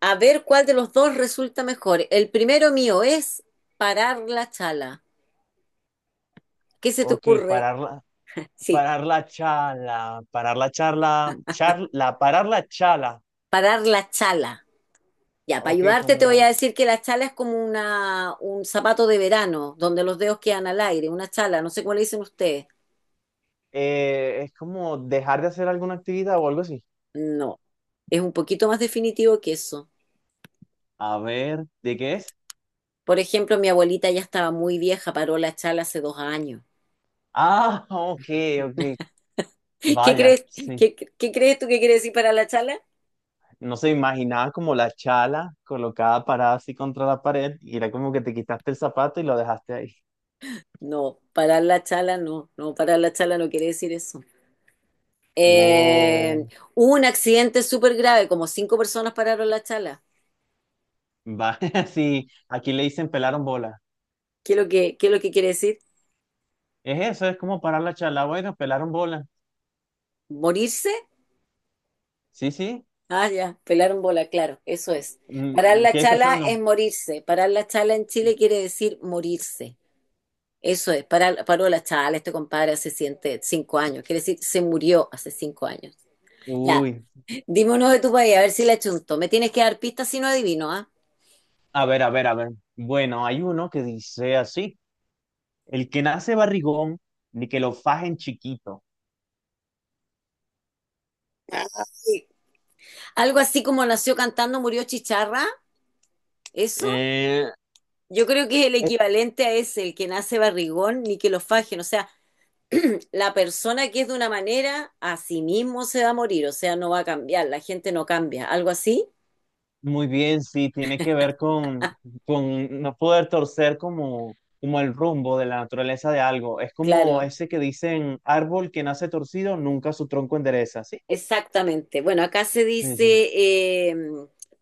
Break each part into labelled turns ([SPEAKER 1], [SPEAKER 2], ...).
[SPEAKER 1] A ver cuál de los dos resulta mejor. El primero mío es parar la chala. ¿Qué se te
[SPEAKER 2] Ok,
[SPEAKER 1] ocurre? Sí,
[SPEAKER 2] parar la charla, charla, parar la charla.
[SPEAKER 1] parar la chala. Ya, para
[SPEAKER 2] Ok,
[SPEAKER 1] ayudarte te voy a
[SPEAKER 2] como,
[SPEAKER 1] decir que la chala es como un zapato de verano, donde los dedos quedan al aire, una chala, no sé cómo le dicen ustedes.
[SPEAKER 2] es como dejar de hacer alguna actividad o algo así.
[SPEAKER 1] No, es un poquito más definitivo que eso.
[SPEAKER 2] A ver, ¿de qué es?
[SPEAKER 1] Por ejemplo, mi abuelita ya estaba muy vieja, paró la chala hace 2 años.
[SPEAKER 2] Ah, ok, ok,
[SPEAKER 1] ¿Qué
[SPEAKER 2] vaya,
[SPEAKER 1] crees,
[SPEAKER 2] sí.
[SPEAKER 1] qué crees tú que quiere decir parar la chala?
[SPEAKER 2] No se imaginaba como la chala colocada parada así contra la pared y era como que te quitaste el zapato y lo dejaste ahí.
[SPEAKER 1] No, parar la chala no, no, parar la chala no quiere decir eso.
[SPEAKER 2] Wow,
[SPEAKER 1] Eh, Hubo un accidente súper grave, como cinco personas pararon la chala.
[SPEAKER 2] vaya, sí, aquí le dicen pelaron bola.
[SPEAKER 1] ¿Qué es lo que quiere decir?
[SPEAKER 2] Es eso, es como parar la chala, bueno, pelaron bola.
[SPEAKER 1] ¿Morirse?
[SPEAKER 2] Sí, sí.
[SPEAKER 1] Ah, ya, pelaron bola, claro, eso es. Parar
[SPEAKER 2] Mm, mm.
[SPEAKER 1] la
[SPEAKER 2] ¿Quieres escuchar
[SPEAKER 1] chala es
[SPEAKER 2] uno?
[SPEAKER 1] morirse. Parar la chala en Chile quiere decir morirse. Eso es, parar, paró la chala, este compadre hace siete- 5 años, quiere decir, se murió hace 5 años. Ya,
[SPEAKER 2] Uy.
[SPEAKER 1] dime uno de tu país, a ver si la chunto. Me tienes que dar pistas si no adivino, ¿ah?
[SPEAKER 2] A ver, a ver, a ver. Bueno, hay uno que dice así: El que nace barrigón, ni que lo fajen chiquito.
[SPEAKER 1] Ay. Algo así como nació cantando, murió chicharra, ¿eso?
[SPEAKER 2] eh,
[SPEAKER 1] Yo creo que es el
[SPEAKER 2] Eh,
[SPEAKER 1] equivalente a ese, el que nace barrigón, ni que lo fajen. O sea, la persona que es de una manera, a sí mismo se va a morir, o sea, no va a cambiar, la gente no cambia. ¿Algo así?
[SPEAKER 2] Muy bien, sí, tiene que ver con no poder torcer como el rumbo de la naturaleza de algo. Es como
[SPEAKER 1] Claro,
[SPEAKER 2] ese que dicen, árbol que nace torcido, nunca su tronco endereza, ¿sí?
[SPEAKER 1] exactamente. Bueno, acá se
[SPEAKER 2] Sí, sí.
[SPEAKER 1] dice, eh,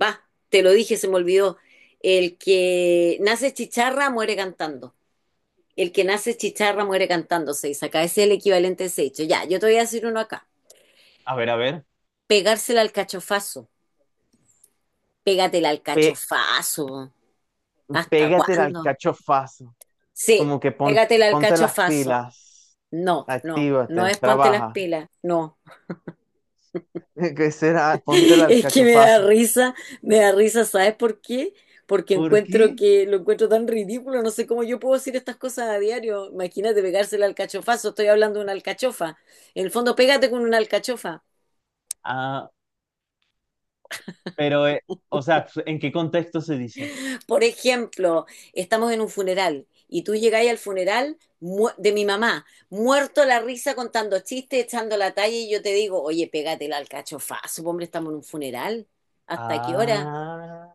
[SPEAKER 1] va, te lo dije, se me olvidó. El que nace chicharra muere cantando. El que nace chicharra muere cantando, se dice. Acá ese es el equivalente a ese hecho. Ya, yo te voy a decir uno acá.
[SPEAKER 2] A ver, a ver.
[SPEAKER 1] Pegársela al cachofazo. Pégatela al
[SPEAKER 2] Pe-
[SPEAKER 1] cachofazo. ¿Hasta
[SPEAKER 2] Pégate al
[SPEAKER 1] cuándo?
[SPEAKER 2] cachofazo.
[SPEAKER 1] Sí,
[SPEAKER 2] Como que
[SPEAKER 1] pégatela al
[SPEAKER 2] ponte las
[SPEAKER 1] cachofazo.
[SPEAKER 2] pilas,
[SPEAKER 1] No, no, no
[SPEAKER 2] actívate,
[SPEAKER 1] es ponte las
[SPEAKER 2] trabaja.
[SPEAKER 1] pilas, no.
[SPEAKER 2] ¿Qué será? Ponte la
[SPEAKER 1] Es que
[SPEAKER 2] alcachofazo.
[SPEAKER 1] me da risa, ¿sabes por qué? Porque
[SPEAKER 2] ¿Por
[SPEAKER 1] encuentro
[SPEAKER 2] qué?
[SPEAKER 1] que lo encuentro tan ridículo, no sé cómo yo puedo decir estas cosas a diario. Imagínate pegársela al cachofazo, estoy hablando de una alcachofa. En el fondo, pégate con una alcachofa.
[SPEAKER 2] Ah, pero, o sea, pues, ¿en qué contexto se dice?
[SPEAKER 1] Por ejemplo, estamos en un funeral y tú llegáis al funeral de mi mamá, muerto la risa contando chistes, echando la talla y yo te digo, oye, pégatela al cachofazo, hombre, estamos en un funeral. ¿Hasta qué hora?
[SPEAKER 2] Ah,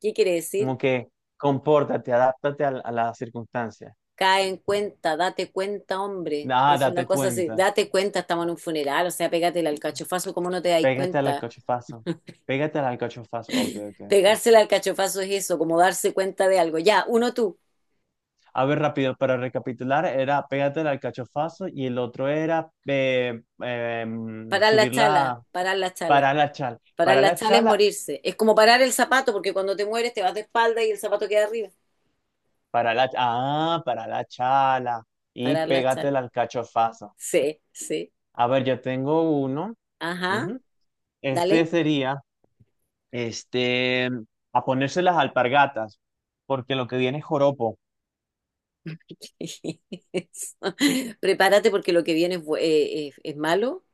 [SPEAKER 1] ¿Qué quiere decir?
[SPEAKER 2] como que compórtate, adáptate a, a las circunstancias.
[SPEAKER 1] Cae en cuenta, date cuenta, hombre.
[SPEAKER 2] Ah,
[SPEAKER 1] Es una
[SPEAKER 2] date
[SPEAKER 1] cosa así,
[SPEAKER 2] cuenta.
[SPEAKER 1] date cuenta, estamos en un funeral, o sea, pégatela al cachofazo, ¿cómo no te dais
[SPEAKER 2] Pégate al
[SPEAKER 1] cuenta?
[SPEAKER 2] alcachofazo. Pégate al alcachofazo. Ok, ok, ok.
[SPEAKER 1] Pegársela al cachofazo es eso, como darse cuenta de algo. Ya, uno tú,
[SPEAKER 2] A ver, rápido, para recapitular, era pégate al alcachofazo y el otro era
[SPEAKER 1] parar la
[SPEAKER 2] subir
[SPEAKER 1] chala,
[SPEAKER 2] la,
[SPEAKER 1] parar la chala.
[SPEAKER 2] para la chala,
[SPEAKER 1] Parar
[SPEAKER 2] para
[SPEAKER 1] la
[SPEAKER 2] la
[SPEAKER 1] chala es
[SPEAKER 2] chala,
[SPEAKER 1] morirse. Es como parar el zapato, porque cuando te mueres te vas de espalda y el zapato queda arriba.
[SPEAKER 2] para la chala. Y
[SPEAKER 1] Parar la
[SPEAKER 2] pégate
[SPEAKER 1] chala.
[SPEAKER 2] la alcachofazo.
[SPEAKER 1] Sí, sí.
[SPEAKER 2] A ver, yo tengo uno.
[SPEAKER 1] Ajá,
[SPEAKER 2] Ujú. Este
[SPEAKER 1] dale.
[SPEAKER 2] sería, este, a ponerse las alpargatas, porque lo que viene es joropo.
[SPEAKER 1] Eso. Prepárate porque lo que viene es malo,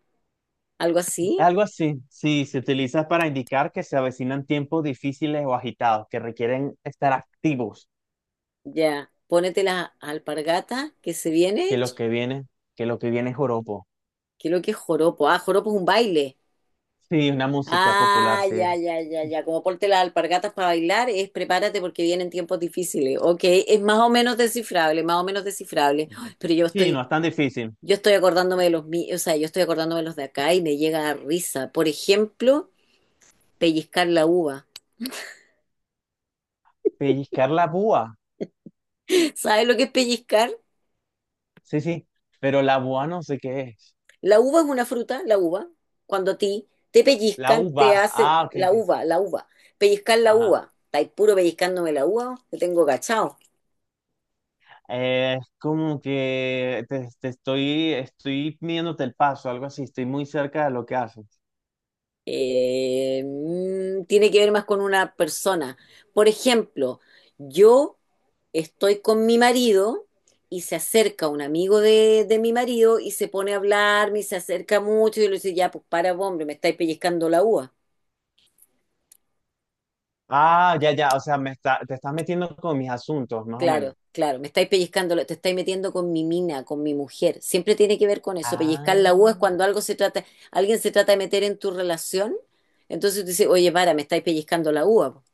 [SPEAKER 1] algo así.
[SPEAKER 2] Algo así, sí, se utiliza para indicar que se avecinan tiempos difíciles o agitados, que requieren estar activos,
[SPEAKER 1] Ya, pónete las alpargatas que se
[SPEAKER 2] que
[SPEAKER 1] viene.
[SPEAKER 2] lo que viene, que lo que viene es joropo.
[SPEAKER 1] ¿Qué es lo que es joropo? Ah, joropo es un baile.
[SPEAKER 2] Sí, una música popular,
[SPEAKER 1] Ah,
[SPEAKER 2] sí.
[SPEAKER 1] ya, ya, ya, ya. Como ponte las alpargatas para bailar, es prepárate porque vienen tiempos difíciles. Ok, es más o menos descifrable, más o menos descifrable. Ay, pero yo
[SPEAKER 2] Sí, no
[SPEAKER 1] estoy
[SPEAKER 2] es tan difícil.
[SPEAKER 1] yo estoy acordándome de los míos, o sea, yo estoy acordándome de los de acá y me llega a risa. Por ejemplo, pellizcar la uva.
[SPEAKER 2] Pellizcar la búa.
[SPEAKER 1] ¿Sabes lo que es pellizcar?
[SPEAKER 2] Sí, sí, pero la boa no sé qué es.
[SPEAKER 1] La uva es una fruta, la uva. Cuando a ti te
[SPEAKER 2] La
[SPEAKER 1] pellizcan, te
[SPEAKER 2] uva.
[SPEAKER 1] hacen
[SPEAKER 2] Ah, ok,
[SPEAKER 1] la
[SPEAKER 2] ok.
[SPEAKER 1] uva, la uva. Pellizcar la
[SPEAKER 2] Ajá.
[SPEAKER 1] uva. Estáis puro pellizcándome la uva, te tengo cachado.
[SPEAKER 2] Es como que te estoy midiéndote el paso, algo así. Estoy muy cerca de lo que haces.
[SPEAKER 1] Tiene que ver más con una persona. Por ejemplo, yo estoy con mi marido y se acerca un amigo de mi marido y se pone a hablarme y se acerca mucho y yo le digo, ya, pues para, vos, hombre, me estáis pellizcando la uva.
[SPEAKER 2] Ah, ya, ya. O sea, me está, te estás metiendo con mis asuntos, más o menos.
[SPEAKER 1] Claro, claro, me estáis pellizcando, te estáis metiendo con mi mina, con mi mujer. Siempre tiene que ver con eso. Pellizcar la uva es
[SPEAKER 2] Ah.
[SPEAKER 1] cuando algo se trata, alguien se trata de meter en tu relación. Entonces tú dices, oye, para, me estáis pellizcando la uva, po,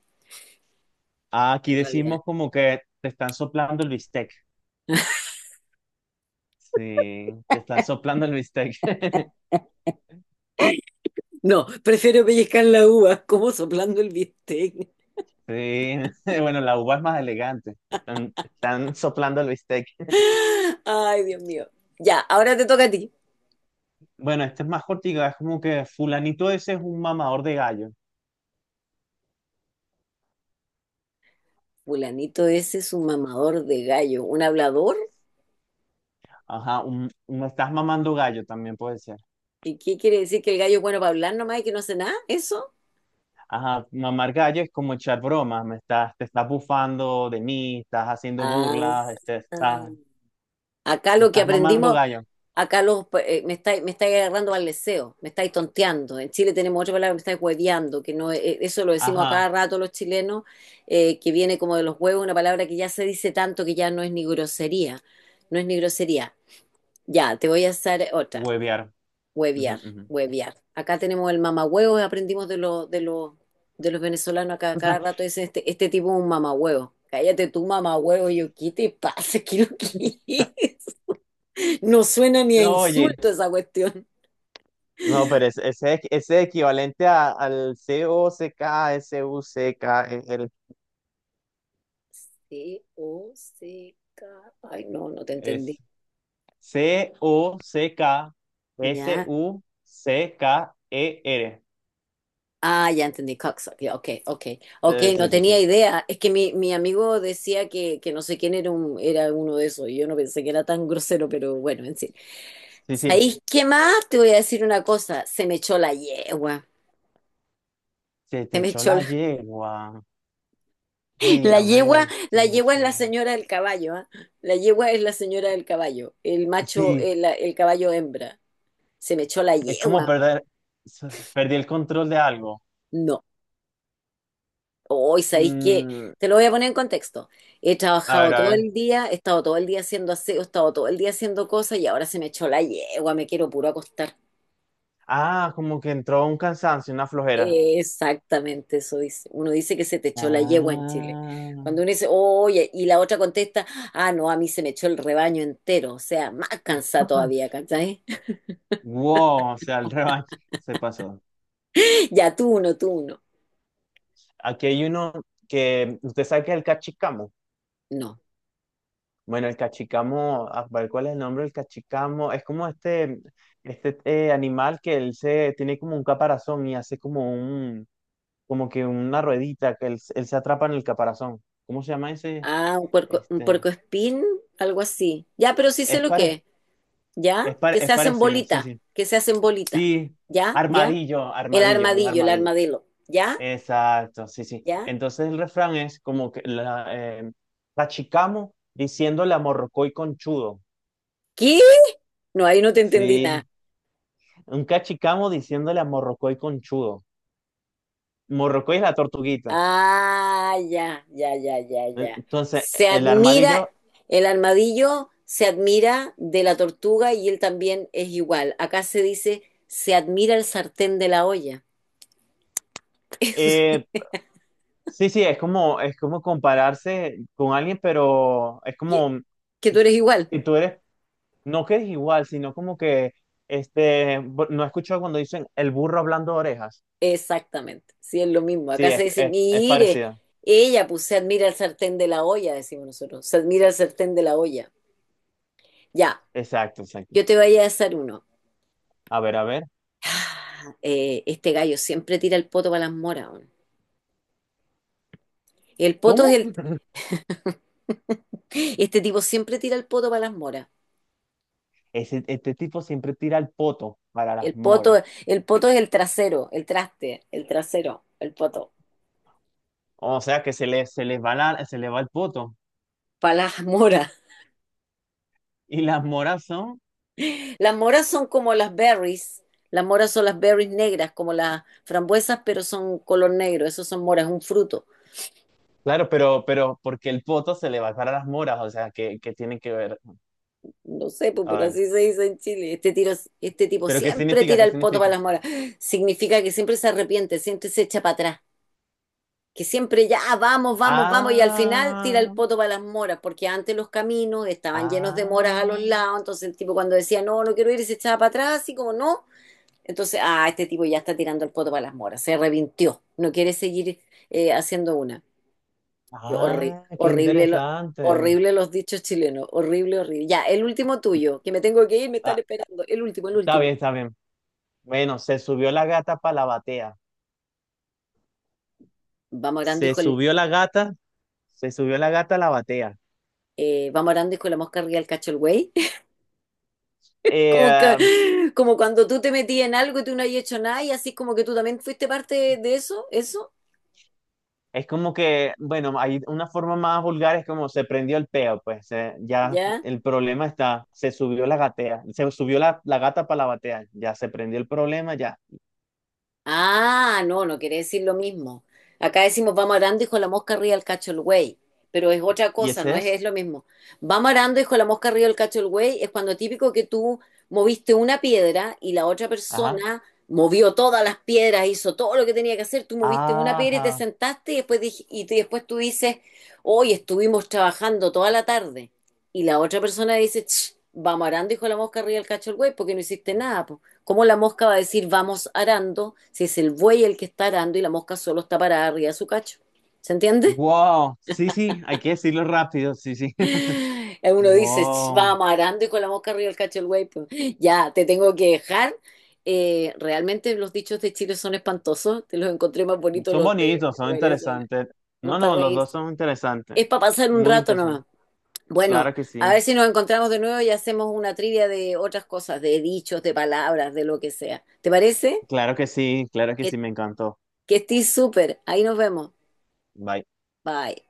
[SPEAKER 2] Ah, aquí
[SPEAKER 1] en realidad.
[SPEAKER 2] decimos como que te están soplando el bistec. Sí, te están soplando el bistec.
[SPEAKER 1] No, prefiero pellizcar la uva como soplando el bistec.
[SPEAKER 2] Sí, bueno, la uva es más elegante. Están soplando el bistec.
[SPEAKER 1] Ay, Dios mío. Ya, ahora te toca a ti.
[SPEAKER 2] Bueno, este es más cortica, es como que fulanito ese es un mamador de gallo.
[SPEAKER 1] Fulanito ese es un mamador de gallo, un hablador.
[SPEAKER 2] Ajá, me estás mamando gallo también puede ser.
[SPEAKER 1] ¿Y qué quiere decir que el gallo es bueno para hablar nomás y que no hace nada? ¿Eso?
[SPEAKER 2] Ajá, mamar gallo es como echar bromas, me estás, te estás bufando de mí, estás haciendo
[SPEAKER 1] Ah,
[SPEAKER 2] burlas, este,
[SPEAKER 1] ah. acá
[SPEAKER 2] me
[SPEAKER 1] lo que
[SPEAKER 2] estás mamando
[SPEAKER 1] aprendimos,
[SPEAKER 2] gallo.
[SPEAKER 1] Acá los, pues, me estáis agarrando al leseo, me estáis tonteando. En Chile tenemos otra palabra, me estáis hueveando, que no, eso lo decimos a cada
[SPEAKER 2] Ajá,
[SPEAKER 1] rato los chilenos, que viene como de los huevos, una palabra que ya se dice tanto que ya no es ni grosería, no es ni grosería. Ya, te voy a hacer otra,
[SPEAKER 2] huevear. Ujú,
[SPEAKER 1] huevear,
[SPEAKER 2] ujú.
[SPEAKER 1] huevear. Acá tenemos el mamahuevo, aprendimos de los venezolanos acá a cada rato, dicen este, este tipo es un mamahuevo. Cállate tú, mamahuevo, y yo, ¿qué te pasa? ¿Qué lo que es? No suena ni a
[SPEAKER 2] No, oye,
[SPEAKER 1] insulto esa cuestión.
[SPEAKER 2] no, pero ese es equivalente al cock, suck,
[SPEAKER 1] C-O-C-K. Ay, no, no te
[SPEAKER 2] el,
[SPEAKER 1] entendí. Ya.
[SPEAKER 2] cocksucker.
[SPEAKER 1] Ah, ya entendí. Cocksucker. Ya, ok, ok. Ok,
[SPEAKER 2] Eh,
[SPEAKER 1] no
[SPEAKER 2] sí, sí, sí.
[SPEAKER 1] tenía idea. Es que mi amigo decía que, que no sé quién era, era uno de esos. Y yo no pensé que era tan grosero, pero bueno, en fin.
[SPEAKER 2] Sí, sí.
[SPEAKER 1] ¿Sabéis qué más? Te voy a decir una cosa. Se me echó la yegua.
[SPEAKER 2] Se
[SPEAKER 1] Se
[SPEAKER 2] te
[SPEAKER 1] me
[SPEAKER 2] echó
[SPEAKER 1] echó
[SPEAKER 2] la
[SPEAKER 1] la,
[SPEAKER 2] yegua. Ay,
[SPEAKER 1] la
[SPEAKER 2] a
[SPEAKER 1] yegua.
[SPEAKER 2] ver. Se
[SPEAKER 1] La
[SPEAKER 2] me
[SPEAKER 1] yegua es
[SPEAKER 2] echó
[SPEAKER 1] la
[SPEAKER 2] la...
[SPEAKER 1] señora del caballo, ¿ah? La yegua es la señora del caballo. El macho,
[SPEAKER 2] Sí,
[SPEAKER 1] el caballo hembra. Se me echó la
[SPEAKER 2] es como
[SPEAKER 1] yegua.
[SPEAKER 2] perder. Perdí el control de algo.
[SPEAKER 1] No. Hoy, ¿sabéis qué?
[SPEAKER 2] Mm,
[SPEAKER 1] Te lo voy a poner en contexto. He
[SPEAKER 2] a ver,
[SPEAKER 1] trabajado
[SPEAKER 2] a
[SPEAKER 1] todo
[SPEAKER 2] ver.
[SPEAKER 1] el día, he estado todo el día haciendo aseo, he estado todo el día haciendo cosas y ahora se me echó la yegua, me quiero puro acostar.
[SPEAKER 2] Ah, como que entró un cansancio, una flojera.
[SPEAKER 1] Exactamente eso dice. Uno dice que se te echó la yegua en Chile. Cuando
[SPEAKER 2] Ah.
[SPEAKER 1] uno dice, oye, y la otra contesta, ah, no, a mí se me echó el rebaño entero, o sea, más cansada todavía, ¿cachai?
[SPEAKER 2] Wow, o sea, el revanche se pasó.
[SPEAKER 1] Ya tú uno, tú uno.
[SPEAKER 2] Aquí hay uno que usted sabe que es el cachicamo.
[SPEAKER 1] No.
[SPEAKER 2] Bueno, el cachicamo. ¿Cuál es el nombre del cachicamo? Es como este animal que él se tiene como un caparazón y hace como un, como que una ruedita que él se atrapa en el caparazón. ¿Cómo se llama ese?
[SPEAKER 1] Ah, un puerco, un
[SPEAKER 2] Este,
[SPEAKER 1] puercoespín, algo así. Ya, pero sí sé
[SPEAKER 2] es
[SPEAKER 1] lo que
[SPEAKER 2] pare,
[SPEAKER 1] es. ¿Ya?
[SPEAKER 2] es
[SPEAKER 1] Que
[SPEAKER 2] pare-
[SPEAKER 1] se
[SPEAKER 2] es
[SPEAKER 1] hacen
[SPEAKER 2] parecido, sí,
[SPEAKER 1] bolita,
[SPEAKER 2] sí.
[SPEAKER 1] que se hacen bolita,
[SPEAKER 2] Sí,
[SPEAKER 1] ¿ya? ¿Ya?
[SPEAKER 2] armadillo, armadillo, un
[SPEAKER 1] El
[SPEAKER 2] armadillo.
[SPEAKER 1] armadillo, ¿ya?
[SPEAKER 2] Exacto, sí, sí.
[SPEAKER 1] ¿Ya?
[SPEAKER 2] Entonces el refrán es como que cachicamo diciéndole a morrocoy conchudo.
[SPEAKER 1] ¿Qué? No, ahí no te entendí nada.
[SPEAKER 2] Sí, un cachicamo diciéndole a Morrocoy conchudo. Morrocoy es la tortuguita.
[SPEAKER 1] Ah, ya, ya, ya, ya, ya.
[SPEAKER 2] Entonces,
[SPEAKER 1] Se
[SPEAKER 2] el
[SPEAKER 1] admira,
[SPEAKER 2] armadillo,
[SPEAKER 1] el armadillo se admira de la tortuga y él también es igual. Acá se dice, se admira el sartén de la olla.
[SPEAKER 2] eh, sí, sí, es como compararse con alguien, pero es
[SPEAKER 1] que,
[SPEAKER 2] como
[SPEAKER 1] que tú eres igual.
[SPEAKER 2] y tú eres, no que eres igual, sino como que, no he escuchado cuando dicen el burro hablando de orejas.
[SPEAKER 1] Exactamente, sí, es lo mismo. Acá
[SPEAKER 2] Sí,
[SPEAKER 1] se
[SPEAKER 2] es,
[SPEAKER 1] dice,
[SPEAKER 2] es, es
[SPEAKER 1] mire,
[SPEAKER 2] parecido.
[SPEAKER 1] ella, pues se admira el sartén de la olla, decimos nosotros, se admira el sartén de la olla. Ya,
[SPEAKER 2] Exacto, exacto.
[SPEAKER 1] yo te voy a hacer uno.
[SPEAKER 2] A ver, a ver.
[SPEAKER 1] Ah, este gallo siempre tira el poto para las moras. Weón. El poto es
[SPEAKER 2] ¿Cómo?
[SPEAKER 1] el, Este tipo siempre tira el poto para las moras.
[SPEAKER 2] Este tipo siempre tira el poto para
[SPEAKER 1] El
[SPEAKER 2] las
[SPEAKER 1] poto,
[SPEAKER 2] moras.
[SPEAKER 1] el poto es el trasero, el traste, el trasero, el poto,
[SPEAKER 2] O sea que se le va el poto.
[SPEAKER 1] para las moras.
[SPEAKER 2] Y las moras son,
[SPEAKER 1] Las moras son como las berries. Las moras son las berries negras, como las frambuesas, pero son color negro. Esos son moras, un fruto.
[SPEAKER 2] claro, pero, ¿porque el poto se le va a dar a las moras? O sea, ¿qué tiene que ver?
[SPEAKER 1] No sé, pues,
[SPEAKER 2] A
[SPEAKER 1] pero
[SPEAKER 2] ver,
[SPEAKER 1] así se dice en Chile. Este tipo
[SPEAKER 2] pero ¿qué
[SPEAKER 1] siempre
[SPEAKER 2] significa?
[SPEAKER 1] tira
[SPEAKER 2] ¿Qué
[SPEAKER 1] el poto para
[SPEAKER 2] significa?
[SPEAKER 1] las moras. Significa que siempre se arrepiente, siempre se echa para atrás. Que siempre ya vamos, vamos, vamos. Y al final tira el
[SPEAKER 2] Ah,
[SPEAKER 1] poto para las moras, porque antes los caminos estaban llenos de moras a los
[SPEAKER 2] ah,
[SPEAKER 1] lados. Entonces el tipo cuando decía, no, no quiero ir, y se echaba para atrás, así como no. Entonces, ah, este tipo ya está tirando el poto para las moras, se revintió, no quiere seguir haciendo una. Yo, horri-
[SPEAKER 2] ah, qué
[SPEAKER 1] horrible, lo-
[SPEAKER 2] interesante.
[SPEAKER 1] Horrible los dichos chilenos, horrible, horrible. Ya, el último tuyo, que me tengo que ir, me están
[SPEAKER 2] Ah,
[SPEAKER 1] esperando. El último, el
[SPEAKER 2] está
[SPEAKER 1] último.
[SPEAKER 2] bien, está bien. Bueno, se subió la gata para la batea.
[SPEAKER 1] Vamos orando,
[SPEAKER 2] Se
[SPEAKER 1] hijo, el,
[SPEAKER 2] subió la gata, se subió la gata a la batea.
[SPEAKER 1] vamos orando, hijo, la mosca arriba del cacho el güey. Como,
[SPEAKER 2] Eh,
[SPEAKER 1] como cuando tú te metías en algo y tú no habías hecho nada y así como que tú también fuiste parte de eso, eso,
[SPEAKER 2] Es como que, bueno, hay una forma más vulgar, es como se prendió el peo, pues ya
[SPEAKER 1] ya.
[SPEAKER 2] el problema está, se subió la gatea, se subió la gata para la batea, ya se prendió el problema, ya.
[SPEAKER 1] Ah, no, no quiere decir lo mismo. Acá decimos vamos arando, hijo de la mosca arriba el cacho el güey, pero es otra
[SPEAKER 2] Y
[SPEAKER 1] cosa, no
[SPEAKER 2] ese
[SPEAKER 1] es,
[SPEAKER 2] es,
[SPEAKER 1] es lo mismo. Vamos arando, hijo de la mosca arriba el cacho el güey, es cuando típico que tú moviste una piedra y la otra
[SPEAKER 2] ajá,
[SPEAKER 1] persona movió todas las piedras, hizo todo lo que tenía que hacer, tú moviste una piedra y te
[SPEAKER 2] ajá,
[SPEAKER 1] sentaste y después, después tú dices, hoy estuvimos trabajando toda la tarde. Y la otra persona dice, "Ch, vamos arando, hijo de la mosca arriba el cacho el güey, porque no hiciste nada, po". ¿Cómo la mosca va a decir vamos arando si es el buey el que está arando y la mosca solo está parada arriba de su cacho? ¿Se entiende?
[SPEAKER 2] wow, sí, sí, hay que decirlo rápido, sí, sí,
[SPEAKER 1] Uno dice,
[SPEAKER 2] wow,
[SPEAKER 1] vamos arando y con la mosca arriba del cacho del buey, pues, ya, te tengo que dejar. Realmente los dichos de Chile son espantosos, te los encontré más bonitos
[SPEAKER 2] son
[SPEAKER 1] los de,
[SPEAKER 2] bonitos,
[SPEAKER 1] de
[SPEAKER 2] son
[SPEAKER 1] Venezuela,
[SPEAKER 2] interesantes.
[SPEAKER 1] no
[SPEAKER 2] No,
[SPEAKER 1] para
[SPEAKER 2] no, los dos
[SPEAKER 1] reírse.
[SPEAKER 2] son interesantes,
[SPEAKER 1] Es para pasar un
[SPEAKER 2] muy
[SPEAKER 1] rato nomás.
[SPEAKER 2] interesantes.
[SPEAKER 1] Bueno,
[SPEAKER 2] Claro que
[SPEAKER 1] a
[SPEAKER 2] sí,
[SPEAKER 1] ver si nos encontramos de nuevo y hacemos una trivia de otras cosas, de dichos, de palabras, de lo que sea. ¿Te parece?
[SPEAKER 2] claro que sí, claro que
[SPEAKER 1] Que
[SPEAKER 2] sí, me encantó.
[SPEAKER 1] Que estés súper. Ahí nos vemos.
[SPEAKER 2] Bye.
[SPEAKER 1] Bye.